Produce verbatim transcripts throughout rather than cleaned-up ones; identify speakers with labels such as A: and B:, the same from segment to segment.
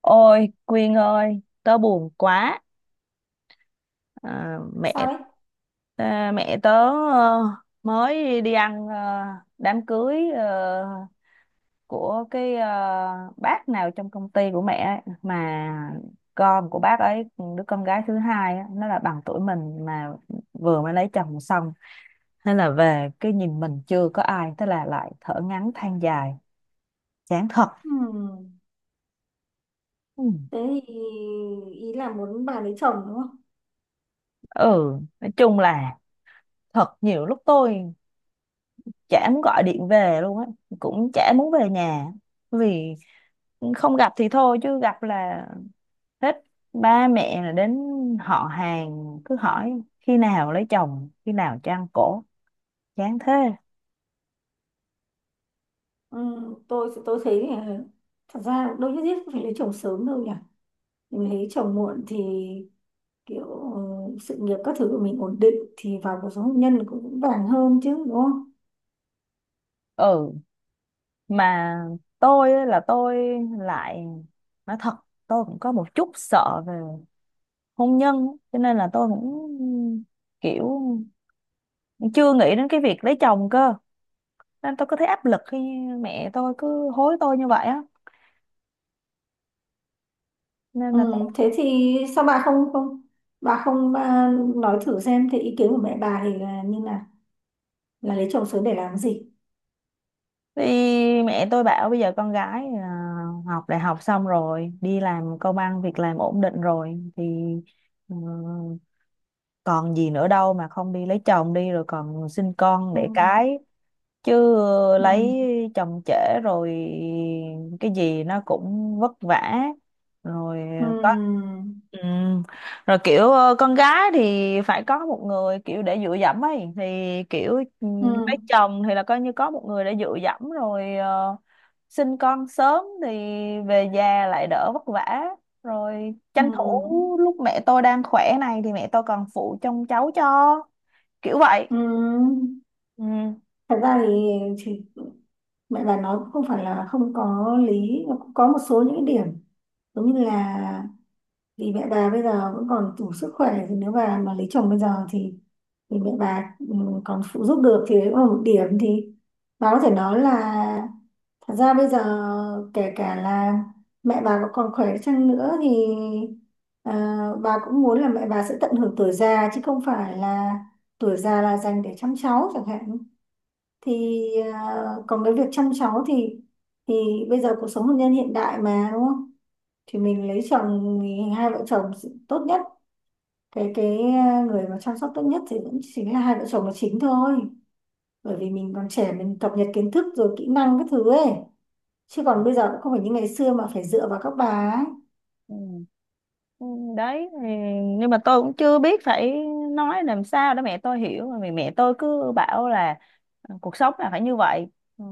A: Ôi Quyên ơi, tớ buồn quá. À,
B: Sao
A: mẹ
B: đấy?
A: à, mẹ tớ ờ, mới đi ăn ờ, đám cưới ờ, của cái ờ, bác nào trong công ty của mẹ ấy, mà con của bác ấy, đứa con gái thứ hai á, nó là bằng tuổi mình, mà vừa mới lấy chồng xong, nên là về cái nhìn mình chưa có ai, thế là lại thở ngắn than dài. Chán thật.
B: Ừm,
A: Ừ,
B: thế thì ý là muốn bà lấy chồng đúng không?
A: ừ, nói chung là thật nhiều lúc tôi chả muốn gọi điện về luôn á, cũng chả muốn về nhà, vì không gặp thì thôi chứ gặp là hết, ba mẹ là đến họ hàng cứ hỏi khi nào lấy chồng, khi nào cho ăn cổ. Chán thế.
B: Ừm, tôi tôi thấy là thật ra đâu nhất thiết phải lấy chồng sớm đâu nhỉ. Mình lấy chồng muộn thì kiểu, ừ, sự nghiệp các thứ của mình ổn định thì vào cuộc sống hôn nhân cũng vững vàng hơn chứ, đúng không?
A: Ừ, mà tôi á, là tôi lại nói thật, tôi cũng có một chút sợ về hôn nhân á, cho nên là tôi cũng kiểu chưa nghĩ đến cái việc lấy chồng cơ, nên tôi có thấy áp lực khi mẹ tôi cứ hối tôi như vậy á, nên là
B: Ừm, thế
A: tôi.
B: thì sao bà không không bà không, à, nói thử xem thì ý kiến của mẹ bà thì là như là là lấy chồng sớm để làm gì?
A: Thì mẹ tôi bảo bây giờ con gái là học đại học xong rồi đi làm, công ăn việc làm ổn định rồi thì ừ, còn gì nữa đâu mà không đi lấy chồng đi rồi còn sinh con đẻ
B: Ừm.
A: cái, chứ ờ,
B: Ừm.
A: lấy chồng trễ rồi cái gì nó cũng vất vả, rồi ờ, có.
B: Ừm.
A: Ừ. Rồi kiểu ờ, con gái thì phải có một người kiểu để dựa dẫm ấy, thì kiểu ừ, lấy
B: Ừm.
A: chồng thì là coi như có một người để dựa dẫm rồi, ờ, sinh con sớm thì về già lại đỡ vất vả, rồi tranh thủ
B: Ừm.
A: lúc mẹ tôi đang khỏe này thì mẹ tôi còn phụ trông cháu cho, kiểu vậy.
B: Ừm.
A: Ừ.
B: Thật ra thì thì mẹ bà nói cũng không phải là không có lý, nó cũng có một số những cái điểm giống như là vì mẹ bà bây giờ vẫn còn đủ sức khỏe, thì nếu bà mà lấy chồng bây giờ thì thì mẹ bà, ừ, còn phụ giúp được, thì đấy cũng là một điểm. Thì bà có thể nói là thật ra bây giờ kể cả là mẹ bà có còn khỏe chăng nữa thì, à, bà cũng muốn là mẹ bà sẽ tận hưởng tuổi già chứ không phải là tuổi già là dành để chăm cháu chẳng hạn. Thì, à, còn cái việc chăm cháu thì thì bây giờ cuộc sống hôn nhân hiện đại mà đúng không? Thì mình lấy chồng thì hai vợ chồng tốt nhất, cái cái à, người mà chăm sóc tốt nhất thì vẫn chính là hai vợ chồng là chính thôi. Bởi vì mình còn trẻ, mình cập nhật kiến thức rồi kỹ năng các thứ ấy, chứ còn bây giờ cũng không phải như ngày xưa mà phải dựa vào các bà ấy.
A: Ừ. Ừ, đấy thì, nhưng mà tôi cũng chưa biết phải nói làm sao để mẹ tôi hiểu mà, vì mẹ tôi cứ bảo là ờ, cuộc sống là phải như vậy, ừ,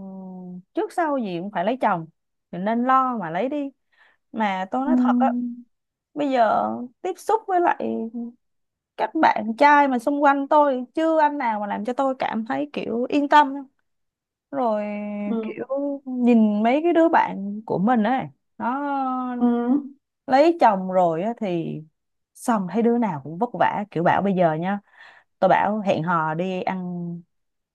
A: trước sau gì cũng phải lấy chồng, mình nên lo mà lấy đi. Mà tôi
B: Ừ.
A: nói thật á, bây giờ tiếp xúc với lại các bạn trai mà xung quanh tôi, chưa anh nào mà làm cho tôi cảm thấy kiểu yên tâm, rồi
B: Ừ.
A: kiểu nhìn mấy cái đứa bạn của mình ấy, nó
B: Ừ.
A: lấy chồng rồi á thì, xong thấy đứa nào cũng vất vả, kiểu bảo bây giờ nha, tôi bảo hẹn hò đi ăn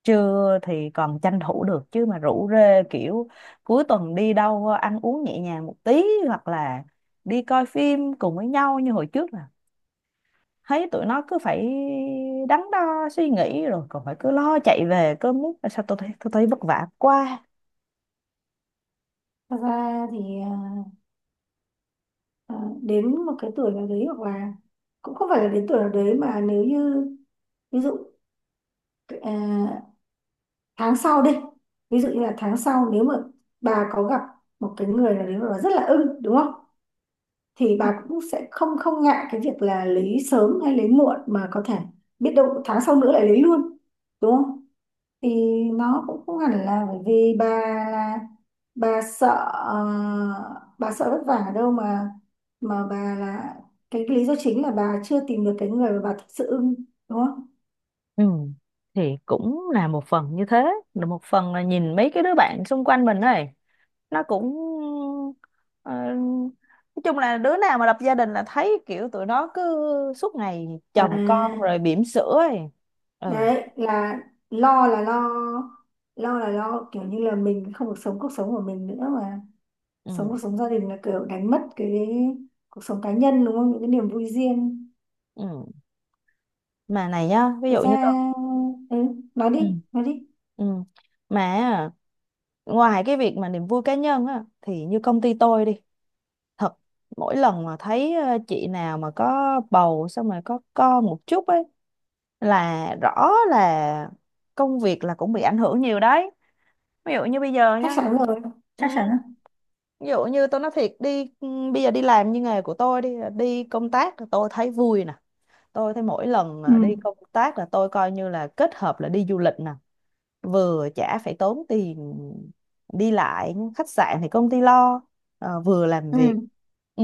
A: trưa thì còn tranh thủ được, chứ mà rủ rê kiểu cuối tuần đi đâu ăn uống nhẹ nhàng một tí, hoặc là đi coi phim cùng với nhau như hồi trước, là thấy tụi nó cứ phải đắn đo suy nghĩ, rồi còn phải cứ lo chạy về, cứ muốn sao, tôi thấy tôi thấy vất vả quá.
B: Thật ra thì, à, à, đến một cái tuổi nào đấy hoặc là cũng không phải là đến tuổi nào đấy mà nếu như, ví dụ, ờ, tháng sau đi, ví dụ như là tháng sau nếu mà bà có gặp một cái người là nếu mà bà rất là ưng đúng không, thì bà cũng sẽ không không ngại cái việc là lấy sớm hay lấy muộn, mà có thể biết đâu tháng sau nữa lại lấy luôn, đúng không? Thì nó cũng không hẳn là bởi vì bà là bà sợ, ờ, bà sợ vất vả ở đâu mà mà bà là cái lý do chính là bà chưa tìm được cái người mà bà thực sự ưng, đúng không?
A: Ừ. Thì cũng là một phần như thế, là một phần là nhìn mấy cái đứa bạn xung quanh mình này, nó cũng ờ, nói chung là đứa nào mà lập gia đình là thấy kiểu tụi nó cứ suốt ngày
B: À,
A: chồng con rồi bỉm sữa ấy. Ừ,
B: đấy là lo là lo, lo là lo kiểu như là mình không được sống cuộc sống của mình nữa mà sống cuộc
A: ừ,
B: sống gia đình là kiểu đánh mất cái cuộc sống cá nhân đúng không, những cái niềm vui riêng.
A: ừ. Mà này nhá, ví
B: Thực
A: dụ
B: ra,
A: như con.
B: ừ, nói đi
A: Ừ.
B: nói đi
A: Ừ. Mà á, ngoài cái việc mà niềm vui cá nhân á thì như công ty tôi đi thật, mỗi lần mà thấy ờ, chị nào mà có bầu xong rồi có con một chút ấy, là rõ là công việc là cũng bị ảnh hưởng nhiều đấy, ví dụ như bây giờ
B: Chắc
A: nha.
B: chắn rồi. Chắc
A: Ừ,
B: chắn rồi.
A: ví dụ như tôi nói thiệt đi, ừ, bây giờ đi làm như nghề của tôi đi, đi công tác tôi thấy vui nè, tôi thấy mỗi lần
B: Ừ.
A: à, đi công tác là tôi coi như là kết hợp là đi du lịch nè, vừa chả phải tốn tiền đi lại, khách sạn thì công ty lo, ờ, vừa làm
B: Ừ.
A: việc. Ừ.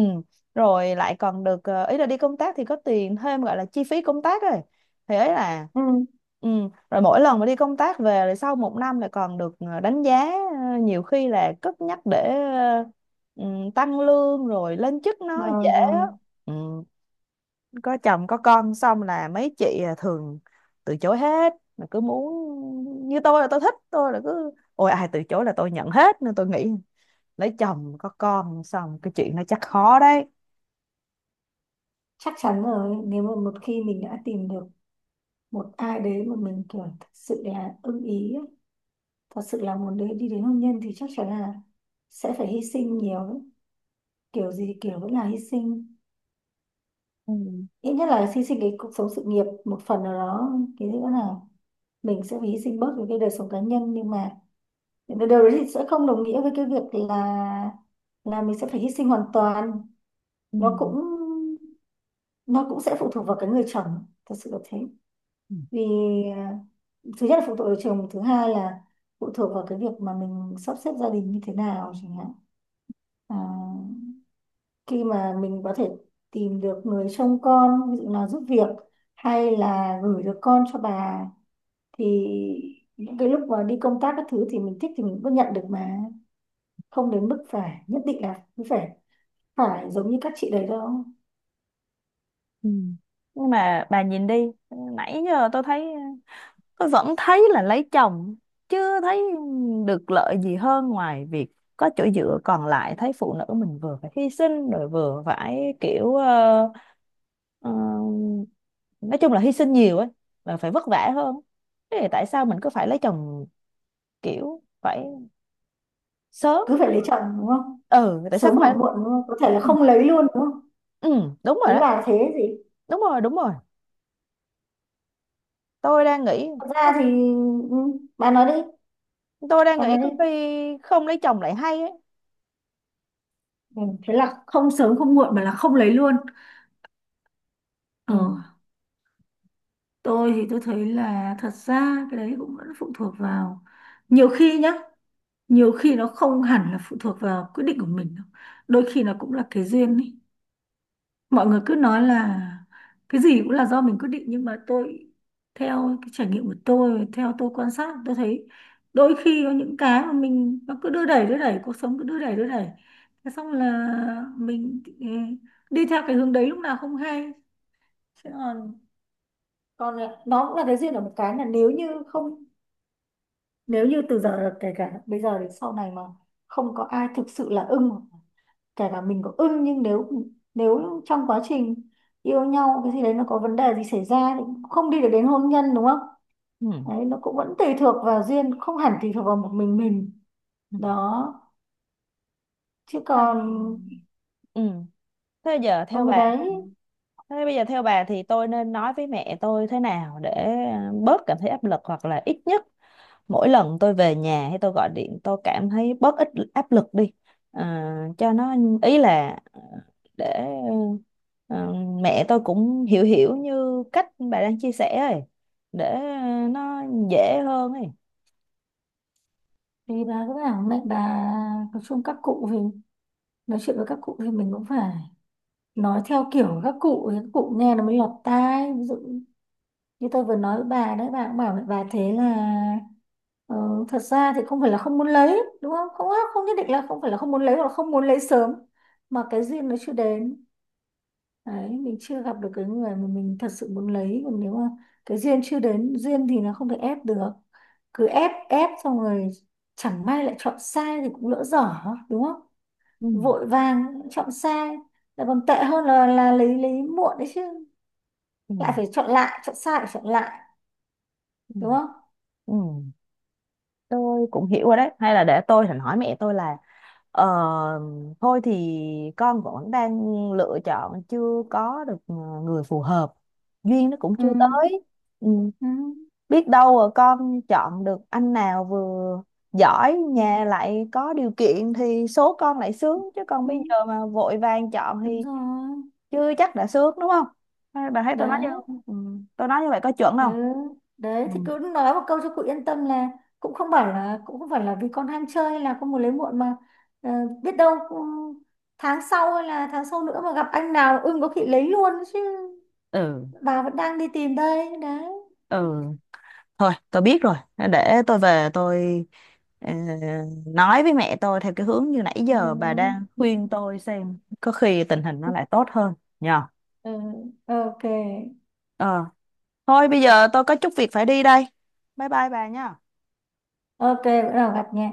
A: Rồi lại còn được ờ, ý là đi công tác thì có tiền thêm gọi là chi phí công tác rồi, thì ấy là.
B: Ừ.
A: Ừ. Rồi mỗi lần mà đi công tác về rồi sau một năm lại còn được ờ, đánh giá, ờ, nhiều khi là cất nhắc để ờ, ừ, tăng lương rồi lên chức nó dễ
B: Rồi
A: á.
B: rồi.
A: Ừ, có chồng có con xong là mấy chị à, thường từ chối hết, mà cứ muốn như tôi là tôi thích tôi là cứ, ôi ai từ chối là tôi nhận hết, nên tôi nghĩ lấy chồng có con xong cái chuyện nó chắc khó đấy.
B: Chắc chắn rồi, nếu mà một khi mình đã tìm được một ai đấy mà mình kiểu thật sự là ưng ý ấy, thật sự là muốn đấy đi đến hôn nhân thì chắc chắn là sẽ phải hy sinh nhiều. Kiểu gì kiểu vẫn là hy sinh,
A: Ừ.
B: ít nhất là hy sinh cái cuộc sống sự nghiệp một phần nào đó. Cái nữa là mình sẽ phải hy sinh bớt những cái đời sống cá nhân, nhưng mà điều đấy thì sẽ không đồng nghĩa với cái việc là là mình sẽ phải hy sinh hoàn toàn.
A: Ừ.
B: Nó cũng nó cũng sẽ phụ thuộc vào cái người chồng thật sự là thế.
A: Ừ.
B: Vì, à, thứ nhất là phụ thuộc vào chồng, thứ hai là phụ thuộc vào cái việc mà mình sắp xếp gia đình như thế nào chẳng hạn. À, khi mà mình có thể tìm được người trông con, ví dụ là giúp việc hay là gửi được con cho bà, thì những cái lúc mà đi công tác các thứ thì mình thích thì mình vẫn nhận được mà, không đến mức phải nhất định là cứ phải phải giống như các chị đấy đâu.
A: Ừ. Nhưng mà bà nhìn đi, nãy giờ tôi thấy, tôi vẫn thấy là lấy chồng chưa thấy được lợi gì hơn ngoài việc có chỗ dựa, còn lại thấy phụ nữ mình vừa phải hy sinh, rồi vừa phải kiểu Ờ, nói chung là hy sinh nhiều ấy, và phải vất vả hơn, thế thì tại sao mình cứ phải lấy chồng kiểu phải sớm.
B: Cứ phải lấy chồng đúng không,
A: Ừ, tại sao
B: sớm
A: cứ
B: hoặc
A: phải.
B: muộn, đúng không, có thể là
A: Ừ.
B: không lấy luôn, đúng không?
A: Ừ, đúng rồi
B: Ý
A: đó,
B: bà là thế gì?
A: đúng rồi, đúng rồi, tôi đang nghĩ
B: Thật
A: có-
B: ra thì, ừ, bà nói đi.
A: tôi đang
B: bà
A: nghĩ
B: nói đi
A: có khi không lấy chồng lại hay ấy.
B: Ừ, thế là không sớm không muộn mà là không lấy luôn. Ờ,
A: Ừ.
B: tôi thì tôi thấy là thật ra cái đấy cũng vẫn phụ thuộc vào, nhiều khi nhá, nhiều khi nó không hẳn là phụ thuộc vào quyết định của mình đâu. Đôi khi nó cũng là cái duyên ấy. Mọi người cứ nói là cái gì cũng là do mình quyết định, nhưng mà tôi, theo cái trải nghiệm của tôi, theo tôi quan sát, tôi thấy đôi khi có những cái mà mình nó cứ đưa đẩy đưa đẩy, cuộc sống cứ đưa đẩy đưa đẩy, thế xong là mình, ừ, đi theo cái hướng đấy lúc nào không hay. Thế còn còn là- nó cũng là cái duyên ở một cái là nếu như không, nếu như từ giờ kể cả bây giờ đến sau này mà không có ai thực sự là ưng, kể cả mình có ưng nhưng nếu, nếu trong quá trình yêu nhau cái gì đấy nó có vấn đề gì xảy ra thì cũng không đi được đến hôn nhân, đúng không?
A: Ừ.
B: Đấy, nó cũng vẫn tùy thuộc vào duyên, không hẳn tùy thuộc vào một mình mình.
A: Ừ.
B: Đó. Chứ
A: À,
B: còn,
A: ừ. thế giờ theo
B: ừ,
A: bà
B: đấy
A: thế bây giờ theo bà thì tôi nên nói với mẹ tôi thế nào để ờ, bớt cảm thấy áp lực, hoặc là ít nhất mỗi lần tôi về nhà hay tôi gọi điện tôi cảm thấy bớt ít áp lực đi, à, cho nó ý là ờ, để ờ, mẹ tôi cũng hiểu hiểu như cách bà đang chia sẻ ấy, để nó dễ hơn ấy.
B: thì bà cứ bảo mẹ bà, nói chung các cụ thì, nói chuyện với các cụ thì mình cũng phải nói theo kiểu các cụ ấy, các cụ nghe nó mới lọt tai. Ví dụ như tôi vừa nói với bà đấy, bà cũng bảo với bà thế là, ờ, thật ra thì không phải là không muốn lấy đúng không, không không nhất định là không phải là không muốn lấy hoặc là không muốn lấy sớm mà cái duyên nó chưa đến. Đấy, mình chưa gặp được cái người mà mình thật sự muốn lấy, còn nếu mà cái duyên chưa đến, duyên thì nó không thể ép được. Cứ ép ép xong rồi chẳng may lại chọn sai thì cũng lỡ dở, đúng không?
A: Ừ,
B: Vội vàng chọn sai lại còn tệ hơn là là lấy lấy muộn đấy chứ.
A: ừ,
B: Lại phải chọn lại, chọn sai phải chọn lại,
A: ừ,
B: đúng không?
A: ừ. Tôi cũng hiểu rồi đấy, hay là để tôi thành hỏi mẹ tôi là ờ, thôi thì con vẫn đang lựa chọn, chưa có được ờ, người phù hợp, duyên nó cũng
B: Ừ.
A: chưa tới. Ừ.
B: Ừ.
A: Biết đâu rồi con chọn được anh nào vừa giỏi,
B: Ừ.
A: nhà lại có điều kiện thì số con lại sướng, chứ còn
B: Ừ.
A: bây giờ mà vội vàng chọn
B: Đúng
A: thì
B: rồi
A: chưa chắc đã sướng, đúng không? Hay bà thấy tôi nói như,
B: đấy.
A: ừ, tôi nói như vậy có chuẩn
B: Ừ.
A: không?
B: Đấy
A: Ừ.
B: thì cứ nói một câu cho cụ yên tâm là cũng không phải là cũng không phải là vì con ham chơi hay là con muốn lấy muộn mà, ờ, biết đâu cũng- tháng sau hay là tháng sau nữa mà gặp anh nào ưng có khi lấy luôn chứ.
A: Ừ.
B: Bà vẫn đang đi tìm đây đấy.
A: Ừ. Thôi tôi biết rồi, để tôi về tôi ờ, nói với mẹ tôi theo cái hướng như nãy
B: Ừ.
A: giờ bà đang khuyên tôi, xem có khi tình hình nó lại tốt hơn nhờ.
B: Ừ. Ừ, ok.
A: Ờ. Thôi bây giờ tôi có chút việc phải đi đây. Bye bye bà nha.
B: Ok, bữa nào gặp nha.